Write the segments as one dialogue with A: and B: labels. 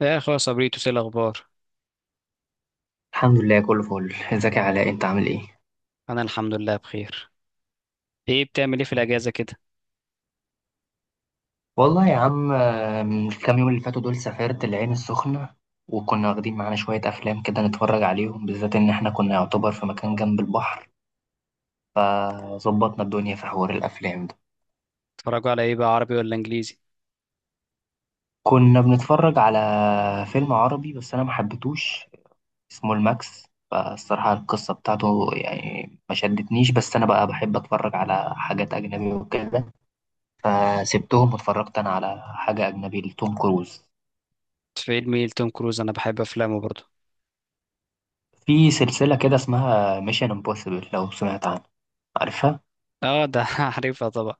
A: يا اخويا صبريتو، ايه الاخبار؟
B: الحمد لله، كله فل. ازيك يا علاء؟ انت عامل ايه؟
A: انا الحمد لله بخير. ايه بتعمل ايه في الاجازه كده؟
B: والله يا عم، من الكام يوم اللي فاتوا دول سافرت العين السخنة. وكنا واخدين معانا شوية أفلام كده نتفرج عليهم، بالذات إن إحنا كنا يعتبر في مكان جنب البحر. فظبطنا الدنيا في حوار الأفلام ده.
A: اتفرجوا على ايه بقى، عربي ولا انجليزي؟
B: كنا بنتفرج على فيلم عربي بس أنا محبتوش. اسمه الماكس. فالصراحة القصة بتاعته يعني ما شدتنيش، بس أنا بقى بحب أتفرج على حاجات أجنبي وكده. فسبتهم واتفرجت أنا على حاجة أجنبي لتوم كروز.
A: فيلم ايه لتوم كروز؟ انا بحب افلامه برضه.
B: في سلسلة كده اسمها ميشن امبوسيبل، لو سمعت عنها. عارفها؟
A: اه ده عارفها طبعا،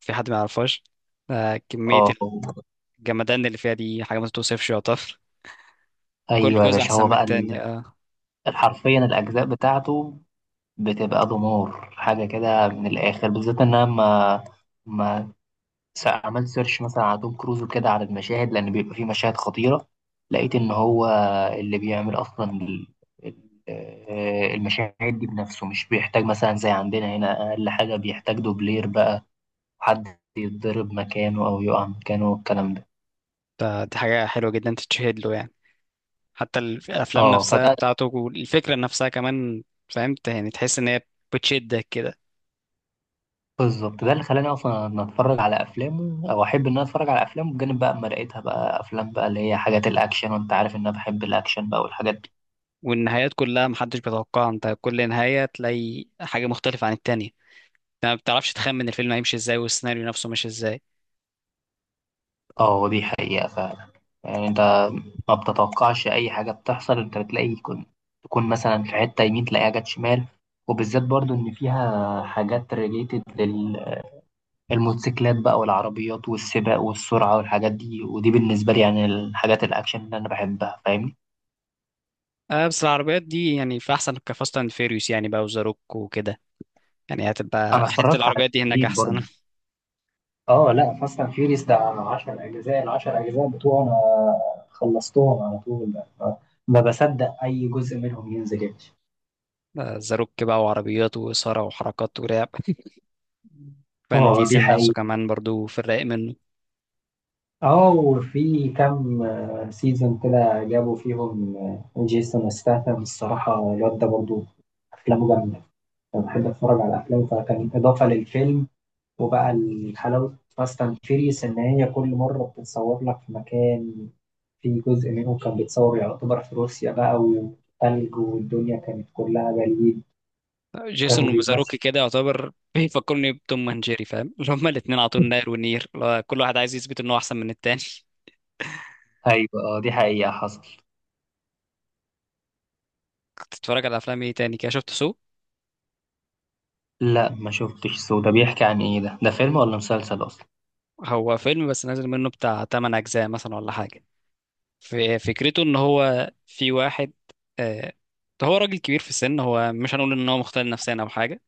A: في حد ما يعرفهاش؟ آه كميه.
B: اه.
A: الجمدان اللي فيها دي حاجه ما تتوصفش يعتبر. كل
B: ايوه يا
A: جزء
B: باشا.
A: احسن
B: هو
A: من
B: بقى
A: التاني، اه.
B: حرفيا الأجزاء بتاعته بتبقى دمار حاجة كده من الآخر، بالذات إن أنا ما ما س- عملت سيرش مثلا على توم كروز وكده على المشاهد، لأن بيبقى فيه مشاهد خطيرة. لقيت إن هو اللي بيعمل أصلا المشاهد دي بنفسه، مش بيحتاج مثلا زي عندنا هنا. أقل حاجة بيحتاج دوبلير بقى، حد يتضرب مكانه أو يقع مكانه والكلام ده.
A: دي حاجه حلوه جدا تتشهد له يعني. حتى الافلام
B: اه،
A: نفسها
B: فده.
A: بتاعته والفكره نفسها كمان. فهمت يعني، تحس ان هي بتشدك كده.
B: بالظبط، ده اللي خلاني اصلا ان اتفرج على افلامه، او احب ان انا اتفرج على افلامه. بجانب بقى اما لقيتها بقى افلام بقى اللي هي حاجات الاكشن، وانت عارف ان انا بحب الاكشن بقى والحاجات دي.
A: والنهايات كلها محدش بيتوقعها، انت كل نهايه تلاقي حاجه مختلفه عن التانية. ما بتعرفش تخمن الفيلم هيمشي ازاي والسيناريو نفسه ماشي ازاي.
B: اه، دي حقيقة فعلا. يعني انت ما بتتوقعش اي حاجة بتحصل. انت بتلاقي تكون مثلا في حتة يمين تلاقيها جت شمال. وبالذات برضو ان فيها حاجات ريليتد للموتوسيكلات بقى، والعربيات والسباق والسرعة والحاجات دي. ودي بالنسبة لي يعني الحاجات الاكشن اللي انا بحبها، فاهمني.
A: آه بس العربيات دي يعني في احسن، كفاست اند فيريوس يعني بقى وزاروك وكده. يعني
B: انا
A: هتبقى حته
B: اتفرجت على
A: العربيات دي هناك
B: اتنين
A: احسن.
B: برضو. اه لا، فاست اند فيوريوس ده 10 اجزاء. ال 10 اجزاء بتوعه انا خلصتهم على طول بقى. ما بصدق اي جزء منهم ينزل يا باشا.
A: زاروك بقى وعربيات واثاره وحركات ولعب. فان
B: اه، دي
A: ديزل نفسه
B: حقيقة.
A: كمان برضو في الرايق منه.
B: اه، وفي كام سيزون كده جابوا فيهم جيسون ستاثام. الصراحة الواد ده برضه أفلامه جامدة. أنا بحب أتفرج على أفلامه، فكان إضافة للفيلم. وبقى الحلاوة فاست اند فيريوس، إن هي كل مرة بتتصور لك في مكان. في جزء منه كان بيتصور يعتبر في روسيا بقى، وثلج، والدنيا كانت كلها جليد. وكانوا
A: جيسون وزاروك
B: بيمشوا.
A: كده يعتبر بيفكرني بتوم اند جيري، فاهم؟ اللي هما الاتنين على طول ناير ونير، اللي هو كل واحد عايز يثبت ان هو احسن من التاني.
B: ايوه، اه، دي حقيقة حصل.
A: كنت بتتفرج على افلام ايه تاني كده؟ شفت سو؟
B: لا، ما شفتش سو. ده بيحكي عن ايه؟ ده فيلم ولا مسلسل اصلا؟
A: هو فيلم بس نازل منه بتاع 8 اجزاء مثلا ولا حاجه. في فكرته ان هو في واحد، آه، هو راجل كبير في السن. هو مش هنقول ان هو مختل نفسيا او حاجه،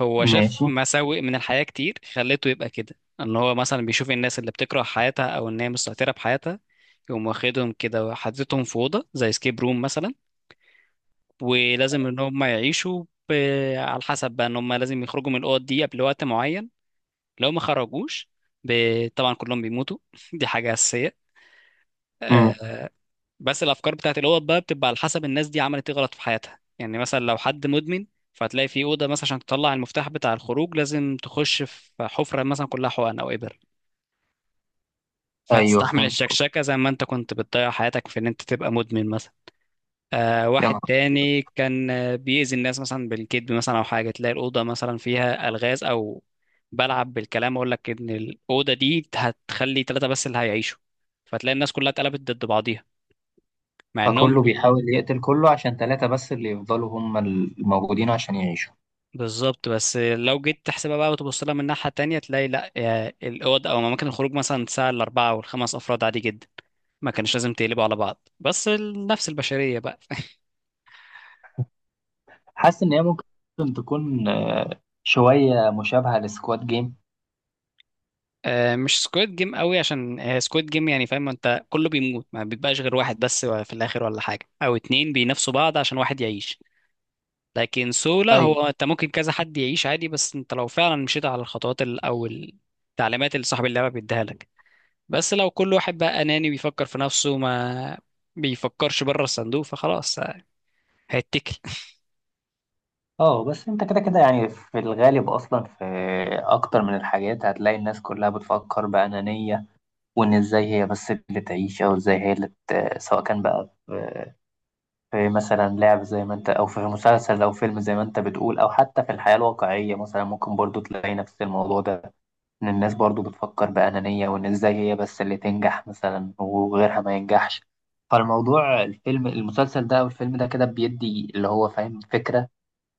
A: هو شاف
B: ماشي.
A: مساوئ من الحياه كتير خلته يبقى كده. ان هو مثلا بيشوف الناس اللي بتكره حياتها او ان هي مستهتره بحياتها، يقوم واخدهم كده وحاططهم في اوضه زي سكيب روم مثلا. ولازم ان هم يعيشوا على حسب بقى، ان هم لازم يخرجوا من الاوض دي قبل وقت معين. لو ما خرجوش ب... طبعا كلهم بيموتوا. دي حاجه اساسيه. آه،
B: امم.
A: بس الافكار بتاعت الاوض بقى بتبقى على حسب الناس دي عملت ايه غلط في حياتها. يعني مثلا لو حد مدمن، فهتلاقي في اوضه مثلا عشان تطلع المفتاح بتاع الخروج لازم تخش في حفره مثلا كلها حقن او ابر.
B: ايوه،
A: فتستحمل
B: فهمت قصدك.
A: الشكشكه زي ما انت كنت بتضيع حياتك في ان انت تبقى مدمن مثلا. آه
B: يا
A: واحد
B: نهار أبيض.
A: تاني كان بيأذي الناس مثلا بالكذب مثلا او حاجه، تلاقي الاوضه مثلا فيها الغاز او بلعب بالكلام. اقول لك ان الاوضه دي هتخلي ثلاثه بس اللي هيعيشوا، فتلاقي الناس كلها اتقلبت ضد بعضيها مع انهم
B: فكله بيحاول يقتل كله عشان ثلاثة بس اللي يفضلوا هم الموجودين عشان يعيشوا.
A: بالظبط. بس لو جيت تحسبها بقى وتبص لها من ناحية تانية، تلاقي لا، يا الأوض أو أماكن الخروج مثلا تسع الأربعة والخمس أفراد عادي جدا. ما كانش لازم تقلبوا على بعض، بس النفس البشرية بقى.
B: حاسس ان هي ممكن تكون شويه مشابهه لسكواد جيم.
A: مش سكويد جيم قوي، عشان سكويد جيم يعني فاهم انت كله بيموت ما بيبقاش غير واحد بس في الآخر ولا حاجة، أو اتنين بينافسوا بعض عشان واحد يعيش. لكن سولا
B: ايوه.
A: هو انت ممكن كذا حد يعيش عادي، بس انت لو فعلا مشيت على الخطوات أو التعليمات اللي صاحب اللعبة بيديها لك. بس لو كل واحد بقى أناني بيفكر في نفسه ما بيفكرش بره الصندوق، فخلاص هيتكل.
B: اه، بس انت كده كده يعني في الغالب اصلا في اكتر من الحاجات هتلاقي الناس كلها بتفكر بأنانية. وان ازاي هي بس اللي تعيش، او ازاي هي اللي سواء كان بقى في مثلا لعب زي ما انت، او في مسلسل او فيلم زي ما انت بتقول، او حتى في الحياة الواقعية مثلا ممكن برضو تلاقي نفس الموضوع ده. إن الناس برضو بتفكر بأنانية، وإن إزاي هي بس اللي تنجح مثلا وغيرها ما ينجحش. فالموضوع الفيلم المسلسل ده أو الفيلم ده كده بيدي اللي هو فاهم فكرة.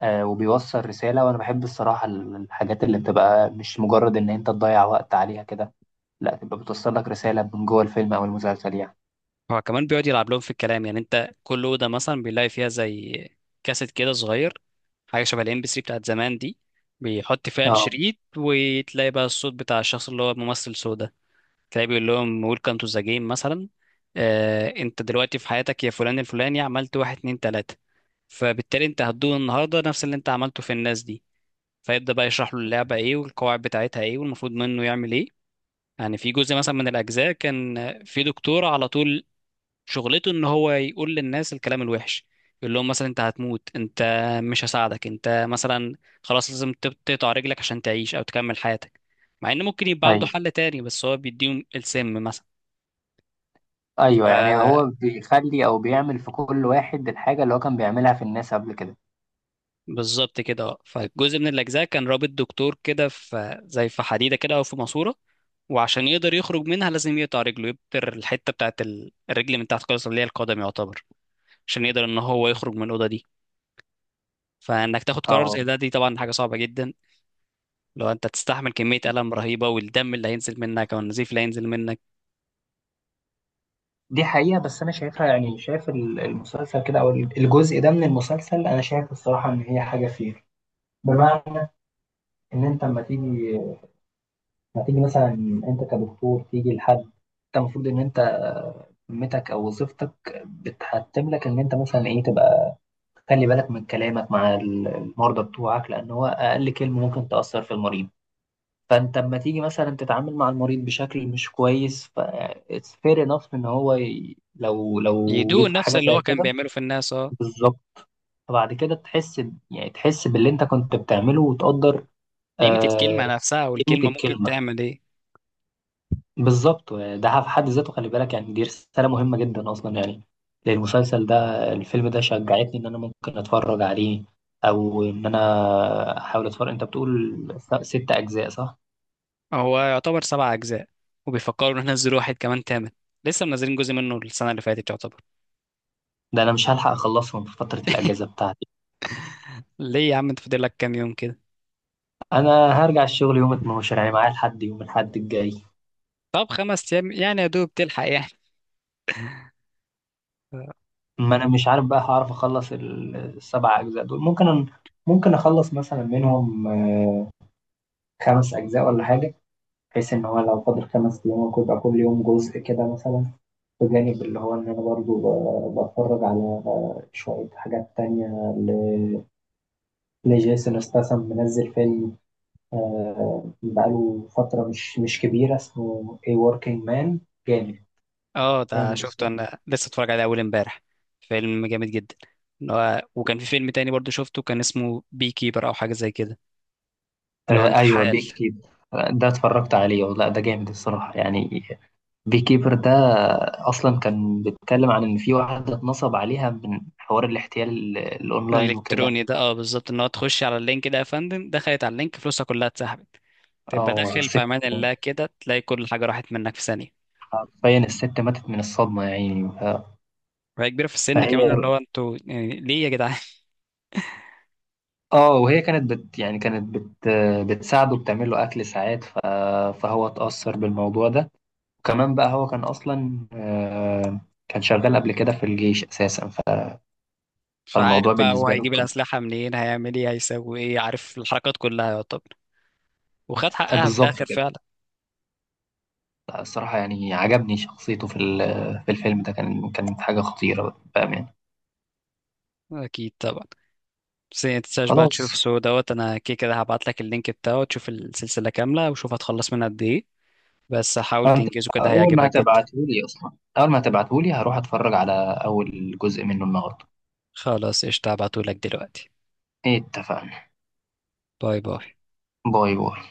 B: وبيوصل رسالة، وأنا بحب الصراحة الحاجات اللي بتبقى مش مجرد إن أنت تضيع وقت عليها كده. لا، تبقى بتوصل لك رسالة من جوه الفيلم أو المسلسل يعني.
A: هو كمان بيقعد يلعب لهم في الكلام. يعني انت كل أوضة مثلا بيلاقي فيها زي كاسيت كده صغير، حاجة شبه الام بي 3 بتاعت زمان دي. بيحط فيها
B: اه،
A: الشريط وتلاقي بقى الصوت بتاع الشخص اللي هو ممثل سودا، تلاقي بيقول لهم ويلكم تو ذا جيم مثلا. آه انت دلوقتي في حياتك يا فلان الفلاني عملت واحد اتنين تلاتة، فبالتالي انت هتدوق النهارده نفس اللي انت عملته في الناس دي. فيبدأ بقى يشرح له اللعبة ايه والقواعد بتاعتها ايه والمفروض منه يعمل ايه. يعني في جزء مثلا من الأجزاء كان في دكتور على طول، شغلته ان هو يقول للناس الكلام الوحش. يقول لهم مثلا انت هتموت، انت مش هساعدك انت مثلا، خلاص لازم تقطع رجلك عشان تعيش او تكمل حياتك. مع ان ممكن يبقى عنده
B: أيوه،
A: حل تاني، بس هو بيديهم السم
B: أيوه. يعني
A: مثلا.
B: هو بيخلي أو بيعمل في كل واحد الحاجة اللي هو كان بيعملها في الناس قبل كده.
A: بالظبط كده، اه. فجزء من الأجزاء كان رابط دكتور كده في زي في حديدة كده أو في ماسورة، وعشان يقدر يخرج منها لازم يقطع رجله، يبتر الحتة بتاعت الرجل من تحت خالص اللي هي القدم يعتبر، عشان يقدر إن هو يخرج من الأوضة دي. فإنك تاخد قرار
B: اه،
A: زي ده دي طبعا حاجة صعبة جدا، لو أنت تستحمل كمية ألم رهيبة والدم اللي هينزل منك أو النزيف اللي هينزل منك.
B: دي حقيقة. بس أنا شايفها يعني، شايف المسلسل كده أو الجزء ده من المسلسل. أنا شايف الصراحة إن هي حاجة فير، بمعنى إن أنت أما تيجي ما تيجي مثلا، أنت كدكتور تيجي لحد أنت المفروض إن أنت مهمتك أو وظيفتك بتحتم لك إن أنت مثلا إيه تبقى، خلي بالك من كلامك مع المرضى بتوعك، لأن هو أقل كلمة ممكن تأثر في المريض. فأنت أما تيجي مثلا تتعامل مع المريض بشكل مش كويس. ف it's fair enough إن هو لو
A: يدوق
B: جيت في
A: نفس
B: حاجة
A: اللي
B: زي
A: هو كان
B: كده.
A: بيعمله في الناس، اه.
B: بالظبط. فبعد كده تحس يعني تحس باللي انت كنت بتعمله، وتقدر
A: قيمة
B: آه،
A: الكلمة نفسها،
B: قيمة
A: والكلمة ممكن
B: الكلمة.
A: تعمل إيه.
B: بالظبط. ده في حد ذاته خلي بالك، يعني دي رسالة مهمة جدا أصلا يعني. المسلسل ده، الفيلم ده، شجعتني إن أنا ممكن أتفرج عليه، أو إن أنا أحاول أتفرج. أنت بتقول ست أجزاء صح؟
A: هو يعتبر 7 أجزاء، وبيفكروا إن احنا ننزلوا واحد كمان تامن. لسه منزلين جزء منه السنة اللي فاتت يعتبر.
B: ده أنا مش هلحق أخلصهم في فترة الأجازة بتاعتي.
A: ليه يا عم، انت فاضل لك كام يوم كده؟
B: أنا هرجع الشغل يوم 12، يعني معايا لحد يوم الأحد الجاي.
A: طب 5 أيام يعني، يا دوب تلحق يعني.
B: ما انا مش عارف بقى هعرف اخلص السبع اجزاء دول. ممكن اخلص مثلا منهم خمس اجزاء ولا حاجه. بحيث ان هو لو فاضل خمس ايام ممكن يبقى كل يوم جزء كده مثلا. بجانب اللي هو ان انا برضو بتفرج على شويه حاجات تانية. ل- لجيسون استاثام منزل فيلم، بقاله فتره مش كبيره، اسمه A Working Man. جامد.
A: اه ده
B: جامد
A: شفته،
B: الصراحه.
A: أنا لسه اتفرج عليه أول امبارح. فيلم جامد جدا. إن هو وكان في فيلم تاني برضو شفته كان اسمه بي كيبر أو حاجة زي كده، اللي هو
B: آه، ايوه،
A: النحال.
B: بيكي ده اتفرجت عليه، والله ده جامد الصراحه يعني. بيكيبر ده اصلا كان بيتكلم عن ان في واحده اتنصب عليها من حوار الاحتيال الاونلاين وكده.
A: الإلكتروني ده، اه بالظبط. إن هو تخش على اللينك ده يا فندم، دخلت على اللينك فلوسها كلها اتسحبت. تبقى
B: او
A: داخل في
B: ست.
A: أمان الله كده تلاقي كل حاجة راحت منك في ثانية.
B: حرفيا الست ماتت من الصدمه يعني
A: وهي كبيرة في السن
B: فهي
A: كمان، اللي هو انتوا يعني ليه يا جدعان.
B: اه وهي كانت بت بتساعده، بتعمل له اكل ساعات فهو اتاثر بالموضوع ده. وكمان بقى هو كان اصلا كان شغال قبل كده في الجيش اساسا
A: مش عارف
B: فالموضوع
A: بقى هو
B: بالنسبه له
A: هيجيب
B: كان
A: الأسلحة منين، هيعمل ايه هيسوي ايه، عارف الحركات كلها يعتبر. وخد حقها في
B: بالظبط
A: الآخر
B: كده.
A: فعلا.
B: لا، الصراحة يعني عجبني شخصيته في في الفيلم ده. كانت حاجة خطيرة بأمان.
A: أكيد طبعا. بس ما تنساش بقى
B: خلاص.
A: تشوف سو دوت، أنا كده كده هبعت لك اللينك بتاعه تشوف السلسلة كاملة، وشوف هتخلص منها قد ايه. بس حاول
B: أنت
A: تنجزه كده،
B: أول ما
A: هيعجبك جدا.
B: هتبعتهولي أصلا أول ما هتبعتهولي هروح أتفرج على أول جزء منه النهاردة.
A: خلاص قشطة، هبعتهولك دلوقتي.
B: اتفقنا.
A: باي باي.
B: باي باي.